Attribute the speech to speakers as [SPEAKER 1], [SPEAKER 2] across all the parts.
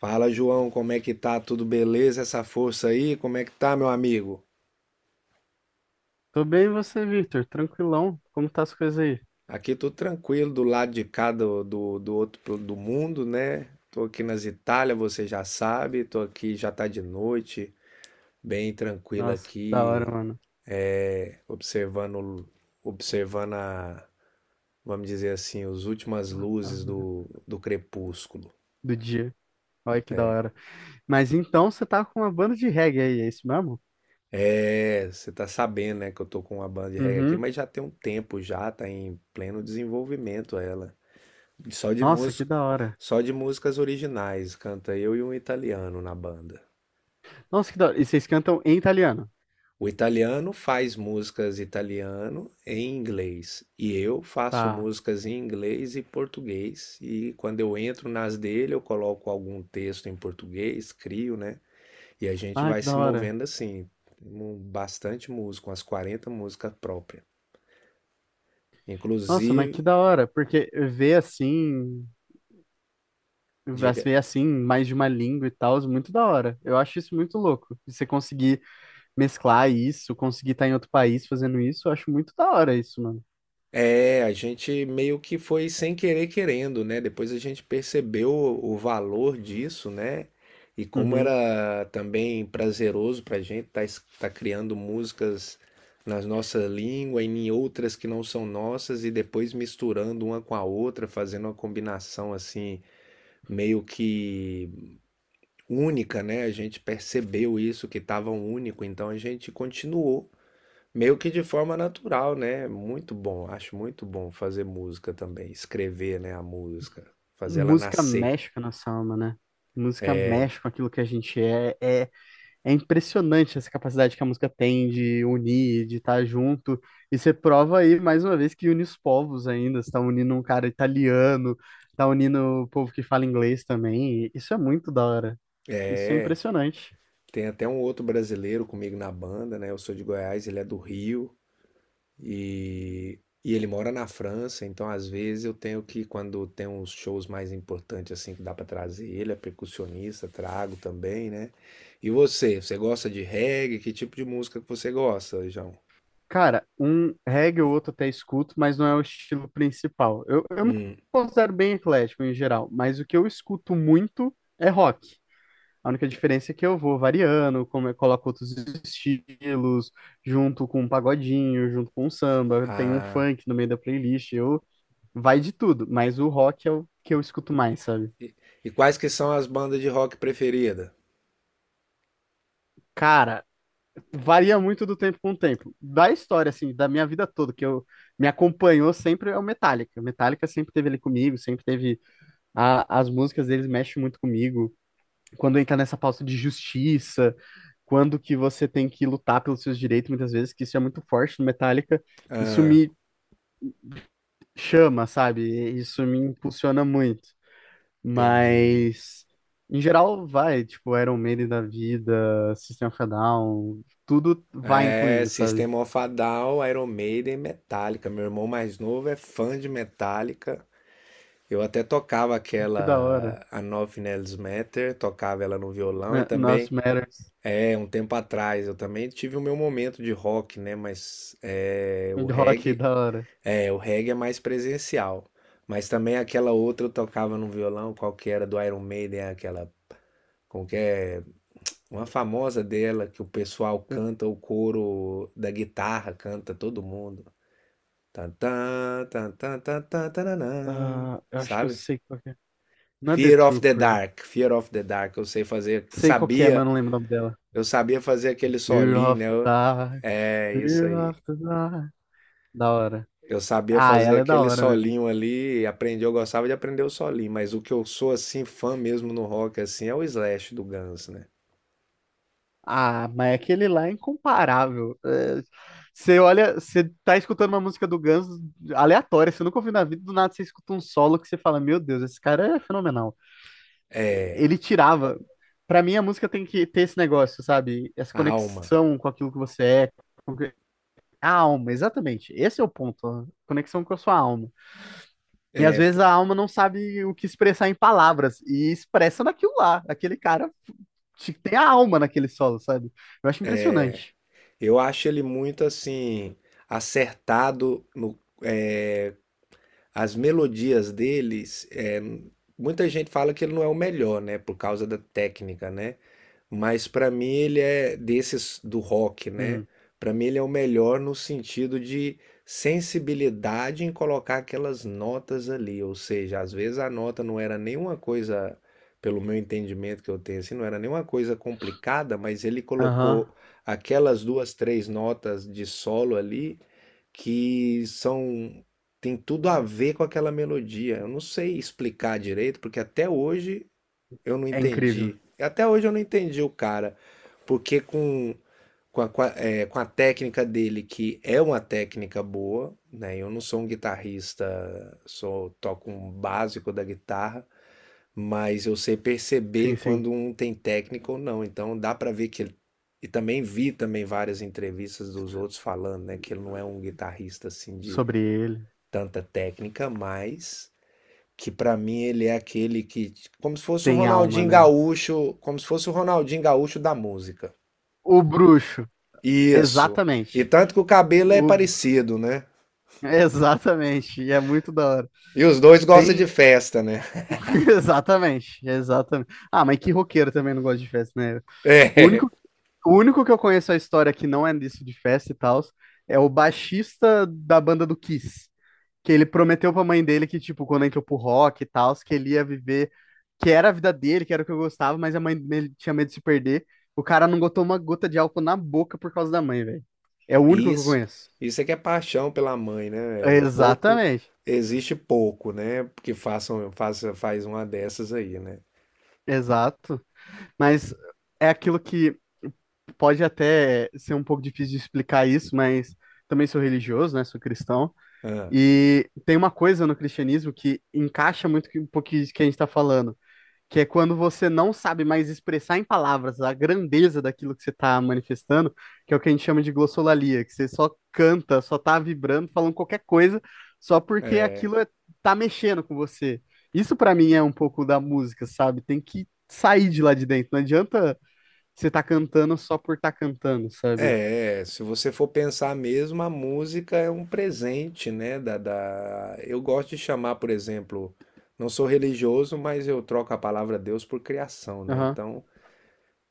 [SPEAKER 1] Fala, João, como é que tá? Tudo beleza? Essa força aí? Como é que tá, meu amigo?
[SPEAKER 2] Tô bem, e você, Victor? Tranquilão? Como tá as coisas aí?
[SPEAKER 1] Aqui tô tranquilo, do lado de cá do do mundo, né? Tô aqui nas Itália, você já sabe, tô aqui, já tá de noite, bem tranquilo
[SPEAKER 2] Nossa, que da
[SPEAKER 1] aqui,
[SPEAKER 2] hora, mano.
[SPEAKER 1] observando, observando a, vamos dizer assim, as últimas luzes do crepúsculo.
[SPEAKER 2] Do dia. Olha que da
[SPEAKER 1] É,
[SPEAKER 2] hora. Mas então você tá com uma banda de reggae aí, é isso mesmo?
[SPEAKER 1] você tá sabendo, né, que eu tô com uma banda de reggae aqui,
[SPEAKER 2] Uhum.
[SPEAKER 1] mas já tem um tempo já, tá em pleno desenvolvimento ela. Só de
[SPEAKER 2] Nossa, que
[SPEAKER 1] música,
[SPEAKER 2] da hora.
[SPEAKER 1] só de músicas originais, canta eu e um italiano na banda.
[SPEAKER 2] Nossa, que da hora. E vocês cantam em italiano?
[SPEAKER 1] O italiano faz músicas italiano em inglês e eu faço
[SPEAKER 2] Tá.
[SPEAKER 1] músicas em inglês e português. E quando eu entro nas dele, eu coloco algum texto em português, crio, né? E a gente
[SPEAKER 2] Ah,
[SPEAKER 1] vai
[SPEAKER 2] que
[SPEAKER 1] se
[SPEAKER 2] da hora.
[SPEAKER 1] movendo assim. Temos bastante música, umas 40 músicas próprias.
[SPEAKER 2] Nossa, mas que
[SPEAKER 1] Inclusive,
[SPEAKER 2] da hora. Porque
[SPEAKER 1] diga.
[SPEAKER 2] ver assim, mais de uma língua e tal, é muito da hora. Eu acho isso muito louco. E você conseguir mesclar isso, conseguir estar em outro país fazendo isso, eu acho muito da hora isso, mano.
[SPEAKER 1] A gente meio que foi sem querer querendo, né? Depois a gente percebeu o valor disso, né? E como
[SPEAKER 2] Uhum.
[SPEAKER 1] era também prazeroso pra gente estar tá criando músicas nas nossa língua e em outras que não são nossas e depois misturando uma com a outra, fazendo uma combinação assim meio que única, né? A gente percebeu isso que estava único, então a gente continuou. Meio que de forma natural, né? Muito bom, acho muito bom fazer música também, escrever, né, a música, fazer ela
[SPEAKER 2] Música
[SPEAKER 1] nascer.
[SPEAKER 2] mexe com a nossa alma, né? Música mexe com aquilo que a gente é. É, é impressionante essa capacidade que a música tem de unir, de estar junto. E você prova aí, mais uma vez, que une os povos ainda. Você tá unindo um cara italiano, tá unindo o povo que fala inglês também. Isso é muito da hora. Isso é
[SPEAKER 1] É,
[SPEAKER 2] impressionante.
[SPEAKER 1] tem até um outro brasileiro comigo na banda, né? Eu sou de Goiás, ele é do Rio e, e ele mora na França, então às vezes eu tenho que, quando tem uns shows mais importantes assim que dá pra trazer, ele é percussionista, trago também, né? E você, você gosta de reggae? Que tipo de música que você gosta, João?
[SPEAKER 2] Cara, um reggae ou outro até escuto, mas não é o estilo principal. Eu me
[SPEAKER 1] Hum,
[SPEAKER 2] considero bem eclético em geral, mas o que eu escuto muito é rock. A única diferença é que eu vou variando, como eu coloco outros estilos, junto com um pagodinho, junto com um samba, tem um
[SPEAKER 1] ah.
[SPEAKER 2] funk no meio da playlist, eu vai de tudo, mas o rock é o que eu escuto mais, sabe?
[SPEAKER 1] E, e quais que são as bandas de rock preferida?
[SPEAKER 2] Cara, varia muito do tempo com o tempo. Da história, assim, da minha vida toda, que eu me acompanhou sempre é o Metallica. O Metallica sempre teve ele comigo, sempre teve as músicas deles mexem muito comigo. Quando entra nessa pauta de justiça, quando que você tem que lutar pelos seus direitos, muitas vezes, que isso é muito forte no Metallica, isso
[SPEAKER 1] Ah,
[SPEAKER 2] me chama, sabe? Isso me impulsiona muito.
[SPEAKER 1] entendi.
[SPEAKER 2] Mas, em geral, vai, tipo, Iron Maiden da vida, System of a Down, tudo vai
[SPEAKER 1] É,
[SPEAKER 2] incluindo, sabe?
[SPEAKER 1] System of a Down, Iron Maiden, Metallica. Meu irmão mais novo é fã de Metallica. Eu até tocava
[SPEAKER 2] Que da hora.
[SPEAKER 1] aquela A Nove Nails Matter, tocava ela no violão e também,
[SPEAKER 2] Nossa, Matters,
[SPEAKER 1] é, um tempo atrás, eu também tive o meu momento de rock, né? Mas é, o
[SPEAKER 2] rock,
[SPEAKER 1] reggae,
[SPEAKER 2] da hora.
[SPEAKER 1] é, o reggae é mais presencial. Mas também aquela outra eu tocava no violão, qual que era do Iron Maiden, aquela, qualquer uma famosa dela que o pessoal canta o coro da guitarra, canta todo mundo. Tan, tan, tan, tan, tan, tan, tananã.
[SPEAKER 2] Ah, eu acho que eu
[SPEAKER 1] Sabe?
[SPEAKER 2] sei qual que é. Não é The
[SPEAKER 1] Fear of the
[SPEAKER 2] Trooper.
[SPEAKER 1] Dark, Fear of the Dark, eu sei fazer,
[SPEAKER 2] Sei qual que é, mas
[SPEAKER 1] sabia,
[SPEAKER 2] eu não lembro o nome dela.
[SPEAKER 1] eu sabia fazer aquele
[SPEAKER 2] Fear
[SPEAKER 1] solinho,
[SPEAKER 2] of
[SPEAKER 1] né?
[SPEAKER 2] the
[SPEAKER 1] Eu-
[SPEAKER 2] Dark,
[SPEAKER 1] É isso
[SPEAKER 2] Fear
[SPEAKER 1] aí.
[SPEAKER 2] of the Dark. Da hora.
[SPEAKER 1] Eu sabia
[SPEAKER 2] Ah,
[SPEAKER 1] fazer
[SPEAKER 2] ela é da
[SPEAKER 1] aquele
[SPEAKER 2] hora mesmo.
[SPEAKER 1] solinho ali, aprendi, eu gostava de aprender o solinho, mas o que eu sou assim fã mesmo no rock assim é o Slash do Guns, né?
[SPEAKER 2] Ah, mas é aquele lá é incomparável. É, você olha, você tá escutando uma música do Guns aleatória, você nunca ouviu na vida, do nada você escuta um solo que você fala, meu Deus, esse cara é fenomenal.
[SPEAKER 1] É,
[SPEAKER 2] Ele tirava. Pra mim, a música tem que ter esse negócio, sabe? Essa
[SPEAKER 1] a alma.
[SPEAKER 2] conexão com aquilo que você é. com que- A alma, exatamente. Esse é o ponto. A conexão com a sua alma. E às
[SPEAKER 1] É,
[SPEAKER 2] vezes a alma não sabe o que expressar em palavras, e expressa naquilo lá. Aquele cara tem a alma naquele solo, sabe? Eu acho impressionante.
[SPEAKER 1] eu acho ele muito assim acertado no, as melodias deles, é, muita gente fala que ele não é o melhor, né, por causa da técnica, né? Mas pra mim ele é desses do rock, né?
[SPEAKER 2] Hum.
[SPEAKER 1] Pra mim ele é o melhor no sentido de sensibilidade em colocar aquelas notas ali, ou seja, às vezes a nota não era nenhuma coisa, pelo meu entendimento que eu tenho assim, não era nenhuma coisa complicada, mas ele
[SPEAKER 2] Aham,
[SPEAKER 1] colocou aquelas duas, três notas de solo ali que são tem tudo a ver com aquela melodia. Eu não sei explicar direito, porque até hoje eu não
[SPEAKER 2] é incrível.
[SPEAKER 1] entendi. Até hoje eu não entendi o cara, porque é, com a técnica dele, que é uma técnica boa, né? Eu não sou um guitarrista, sou toco um básico da guitarra, mas eu sei perceber
[SPEAKER 2] Sim, sim.
[SPEAKER 1] quando um tem técnica ou não. Então dá para ver que ele. E também vi também várias entrevistas dos outros falando, né, que ele não é um guitarrista assim de
[SPEAKER 2] Sobre ele.
[SPEAKER 1] tanta técnica, mas que para mim ele é aquele que como se fosse o
[SPEAKER 2] Tem alma,
[SPEAKER 1] Ronaldinho
[SPEAKER 2] né?
[SPEAKER 1] Gaúcho, como se fosse o Ronaldinho Gaúcho da música.
[SPEAKER 2] O bruxo.
[SPEAKER 1] Isso. E
[SPEAKER 2] Exatamente.
[SPEAKER 1] tanto que o cabelo é
[SPEAKER 2] O...
[SPEAKER 1] parecido, né?
[SPEAKER 2] Exatamente. E é muito da hora.
[SPEAKER 1] E os dois gostam de
[SPEAKER 2] Tem.
[SPEAKER 1] festa, né?
[SPEAKER 2] Exatamente. Exatamente. Ah, mas que roqueiro também não gosta de festa, né? O
[SPEAKER 1] É.
[SPEAKER 2] único O único que eu conheço a história que não é disso de festa e tal é o baixista da banda do Kiss, que ele prometeu pra mãe dele que, tipo, quando entrou pro rock e tal, que ele ia viver, que era a vida dele, que era o que eu gostava, mas a mãe dele tinha medo de se perder. O cara não botou uma gota de álcool na boca por causa da mãe, velho. É o único que eu
[SPEAKER 1] Isso,
[SPEAKER 2] conheço.
[SPEAKER 1] isso é que é paixão pela mãe, né, velho? Pouco,
[SPEAKER 2] Exatamente,
[SPEAKER 1] existe pouco, né? Porque façam, faça, faz uma dessas aí, né?
[SPEAKER 2] exato. Mas é aquilo que pode até ser um pouco difícil de explicar isso, mas também sou religioso, né? Sou cristão.
[SPEAKER 1] Ah,
[SPEAKER 2] E tem uma coisa no cristianismo que encaixa muito com um pouquinho de que a gente está falando, que é quando você não sabe mais expressar em palavras a grandeza daquilo que você está manifestando, que é o que a gente chama de glossolalia, que você só canta, só tá vibrando, falando qualquer coisa, só porque aquilo é, tá mexendo com você. Isso para mim é um pouco da música, sabe? Tem que sair de lá de dentro. Não adianta você tá cantando só por estar tá cantando, sabe?
[SPEAKER 1] é, se você for pensar mesmo, a música é um presente, né? Da... Eu gosto de chamar, por exemplo, não sou religioso, mas eu troco a palavra Deus por criação, né?
[SPEAKER 2] Aham,
[SPEAKER 1] Então,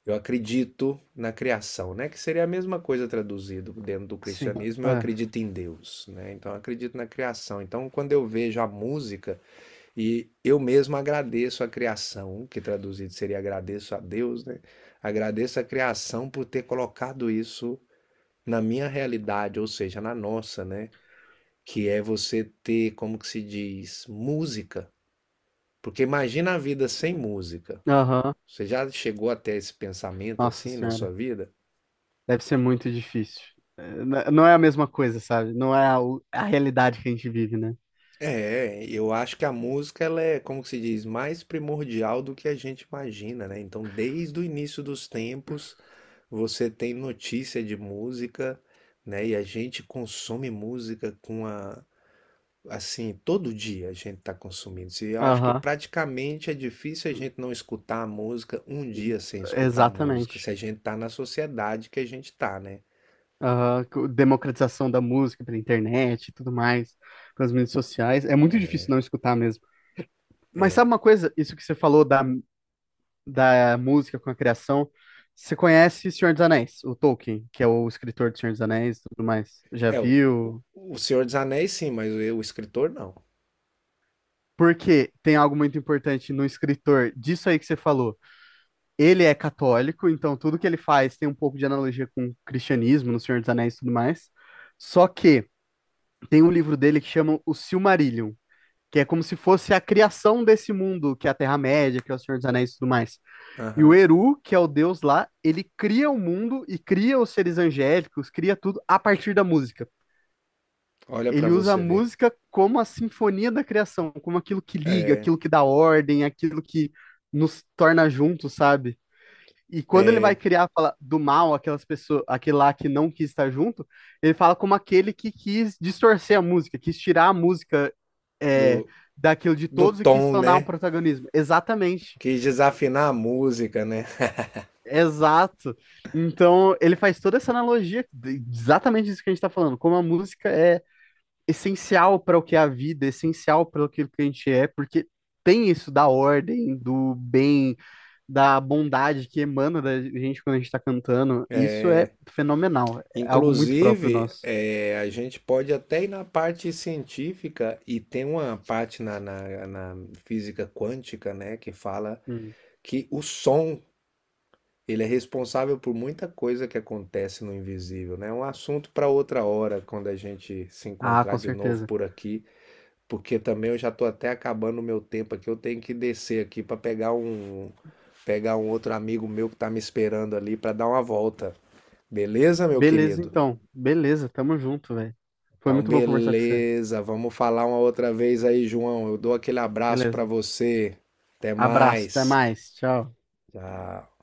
[SPEAKER 1] eu acredito na criação, né? Que seria a mesma coisa traduzido dentro do
[SPEAKER 2] sim.
[SPEAKER 1] cristianismo, eu
[SPEAKER 2] É.
[SPEAKER 1] acredito em Deus, né? Então eu acredito na criação. Então quando eu vejo a música e eu mesmo agradeço a criação, que traduzido seria agradeço a Deus, né? Agradeço a criação por ter colocado isso na minha realidade, ou seja, na nossa, né? Que é você ter, como que se diz, música. Porque imagina a vida sem música.
[SPEAKER 2] Aham,
[SPEAKER 1] Você já chegou até esse pensamento
[SPEAKER 2] nossa
[SPEAKER 1] assim na sua
[SPEAKER 2] Senhora.
[SPEAKER 1] vida?
[SPEAKER 2] Deve ser muito difícil. É, não é a mesma coisa, sabe? Não é a realidade que a gente vive, né?
[SPEAKER 1] É, eu acho que a música ela é, como que se diz, mais primordial do que a gente imagina, né? Então, desde o início dos tempos, você tem notícia de música, né? E a gente consome música com a, assim, todo dia a gente está consumindo. Se eu acho que
[SPEAKER 2] Aham,
[SPEAKER 1] praticamente é difícil a gente não escutar a música um dia sem escutar a música,
[SPEAKER 2] exatamente.
[SPEAKER 1] se a gente tá na sociedade que a gente tá, né?
[SPEAKER 2] Aham, democratização da música pela internet e tudo mais, pelas mídias sociais. É muito difícil não escutar mesmo. Mas sabe uma coisa? Isso que você falou da música com a criação. Você conhece Senhor dos Anéis, o Tolkien, que é o escritor do Senhor dos Anéis e tudo mais. Já
[SPEAKER 1] É, o
[SPEAKER 2] viu?
[SPEAKER 1] o Senhor dos Anéis sim, mas o escritor não.
[SPEAKER 2] Porque tem algo muito importante no escritor disso aí que você falou. Ele é católico, então tudo que ele faz tem um pouco de analogia com o cristianismo, no Senhor dos Anéis e tudo mais. Só que tem um livro dele que chama O Silmarillion, que é como se fosse a criação desse mundo, que é a Terra-média, que é o Senhor dos Anéis e tudo mais. E o
[SPEAKER 1] Aham.
[SPEAKER 2] Eru, que é o deus lá, ele cria o mundo e cria os seres angélicos, cria tudo a partir da música.
[SPEAKER 1] Olha para
[SPEAKER 2] Ele usa a
[SPEAKER 1] você ver.
[SPEAKER 2] música como a sinfonia da criação, como aquilo que liga, aquilo que dá ordem, aquilo que nos torna juntos, sabe? E quando ele vai criar, fala do mal, aquelas pessoas, aquele lá que não quis estar junto, ele fala como aquele que quis distorcer a música, quis tirar a música é,
[SPEAKER 1] do,
[SPEAKER 2] daquilo de
[SPEAKER 1] do
[SPEAKER 2] todos e quis
[SPEAKER 1] tom,
[SPEAKER 2] tornar um
[SPEAKER 1] né?
[SPEAKER 2] protagonismo. Exatamente.
[SPEAKER 1] Quis desafinar a música, né?
[SPEAKER 2] Exato. Então, ele faz toda essa analogia, exatamente isso que a gente tá falando, como a música é essencial para o que é a vida, essencial para aquilo que a gente é, porque tem isso da ordem, do bem, da bondade que emana da gente quando a gente tá cantando, isso é fenomenal. É algo muito próprio
[SPEAKER 1] Inclusive,
[SPEAKER 2] nosso.
[SPEAKER 1] é a gente pode até ir na parte científica e tem uma parte na física quântica, né, que fala
[SPEAKER 2] Hum.
[SPEAKER 1] que o som ele é responsável por muita coisa que acontece no invisível, né? É um assunto para outra hora, quando a gente se
[SPEAKER 2] Ah,
[SPEAKER 1] encontrar
[SPEAKER 2] com
[SPEAKER 1] de novo
[SPEAKER 2] certeza.
[SPEAKER 1] por aqui. Porque também eu já tô até acabando o meu tempo aqui. Eu tenho que descer aqui para pegar um outro amigo meu que tá me esperando ali para dar uma volta. Beleza, meu
[SPEAKER 2] Beleza,
[SPEAKER 1] querido?
[SPEAKER 2] então. Beleza, tamo junto, velho. Foi
[SPEAKER 1] Então,
[SPEAKER 2] muito bom conversar com você.
[SPEAKER 1] beleza. Vamos falar uma outra vez aí, João. Eu dou aquele abraço para
[SPEAKER 2] Beleza.
[SPEAKER 1] você. Até
[SPEAKER 2] Abraço, até
[SPEAKER 1] mais.
[SPEAKER 2] mais. Tchau.
[SPEAKER 1] Tchau.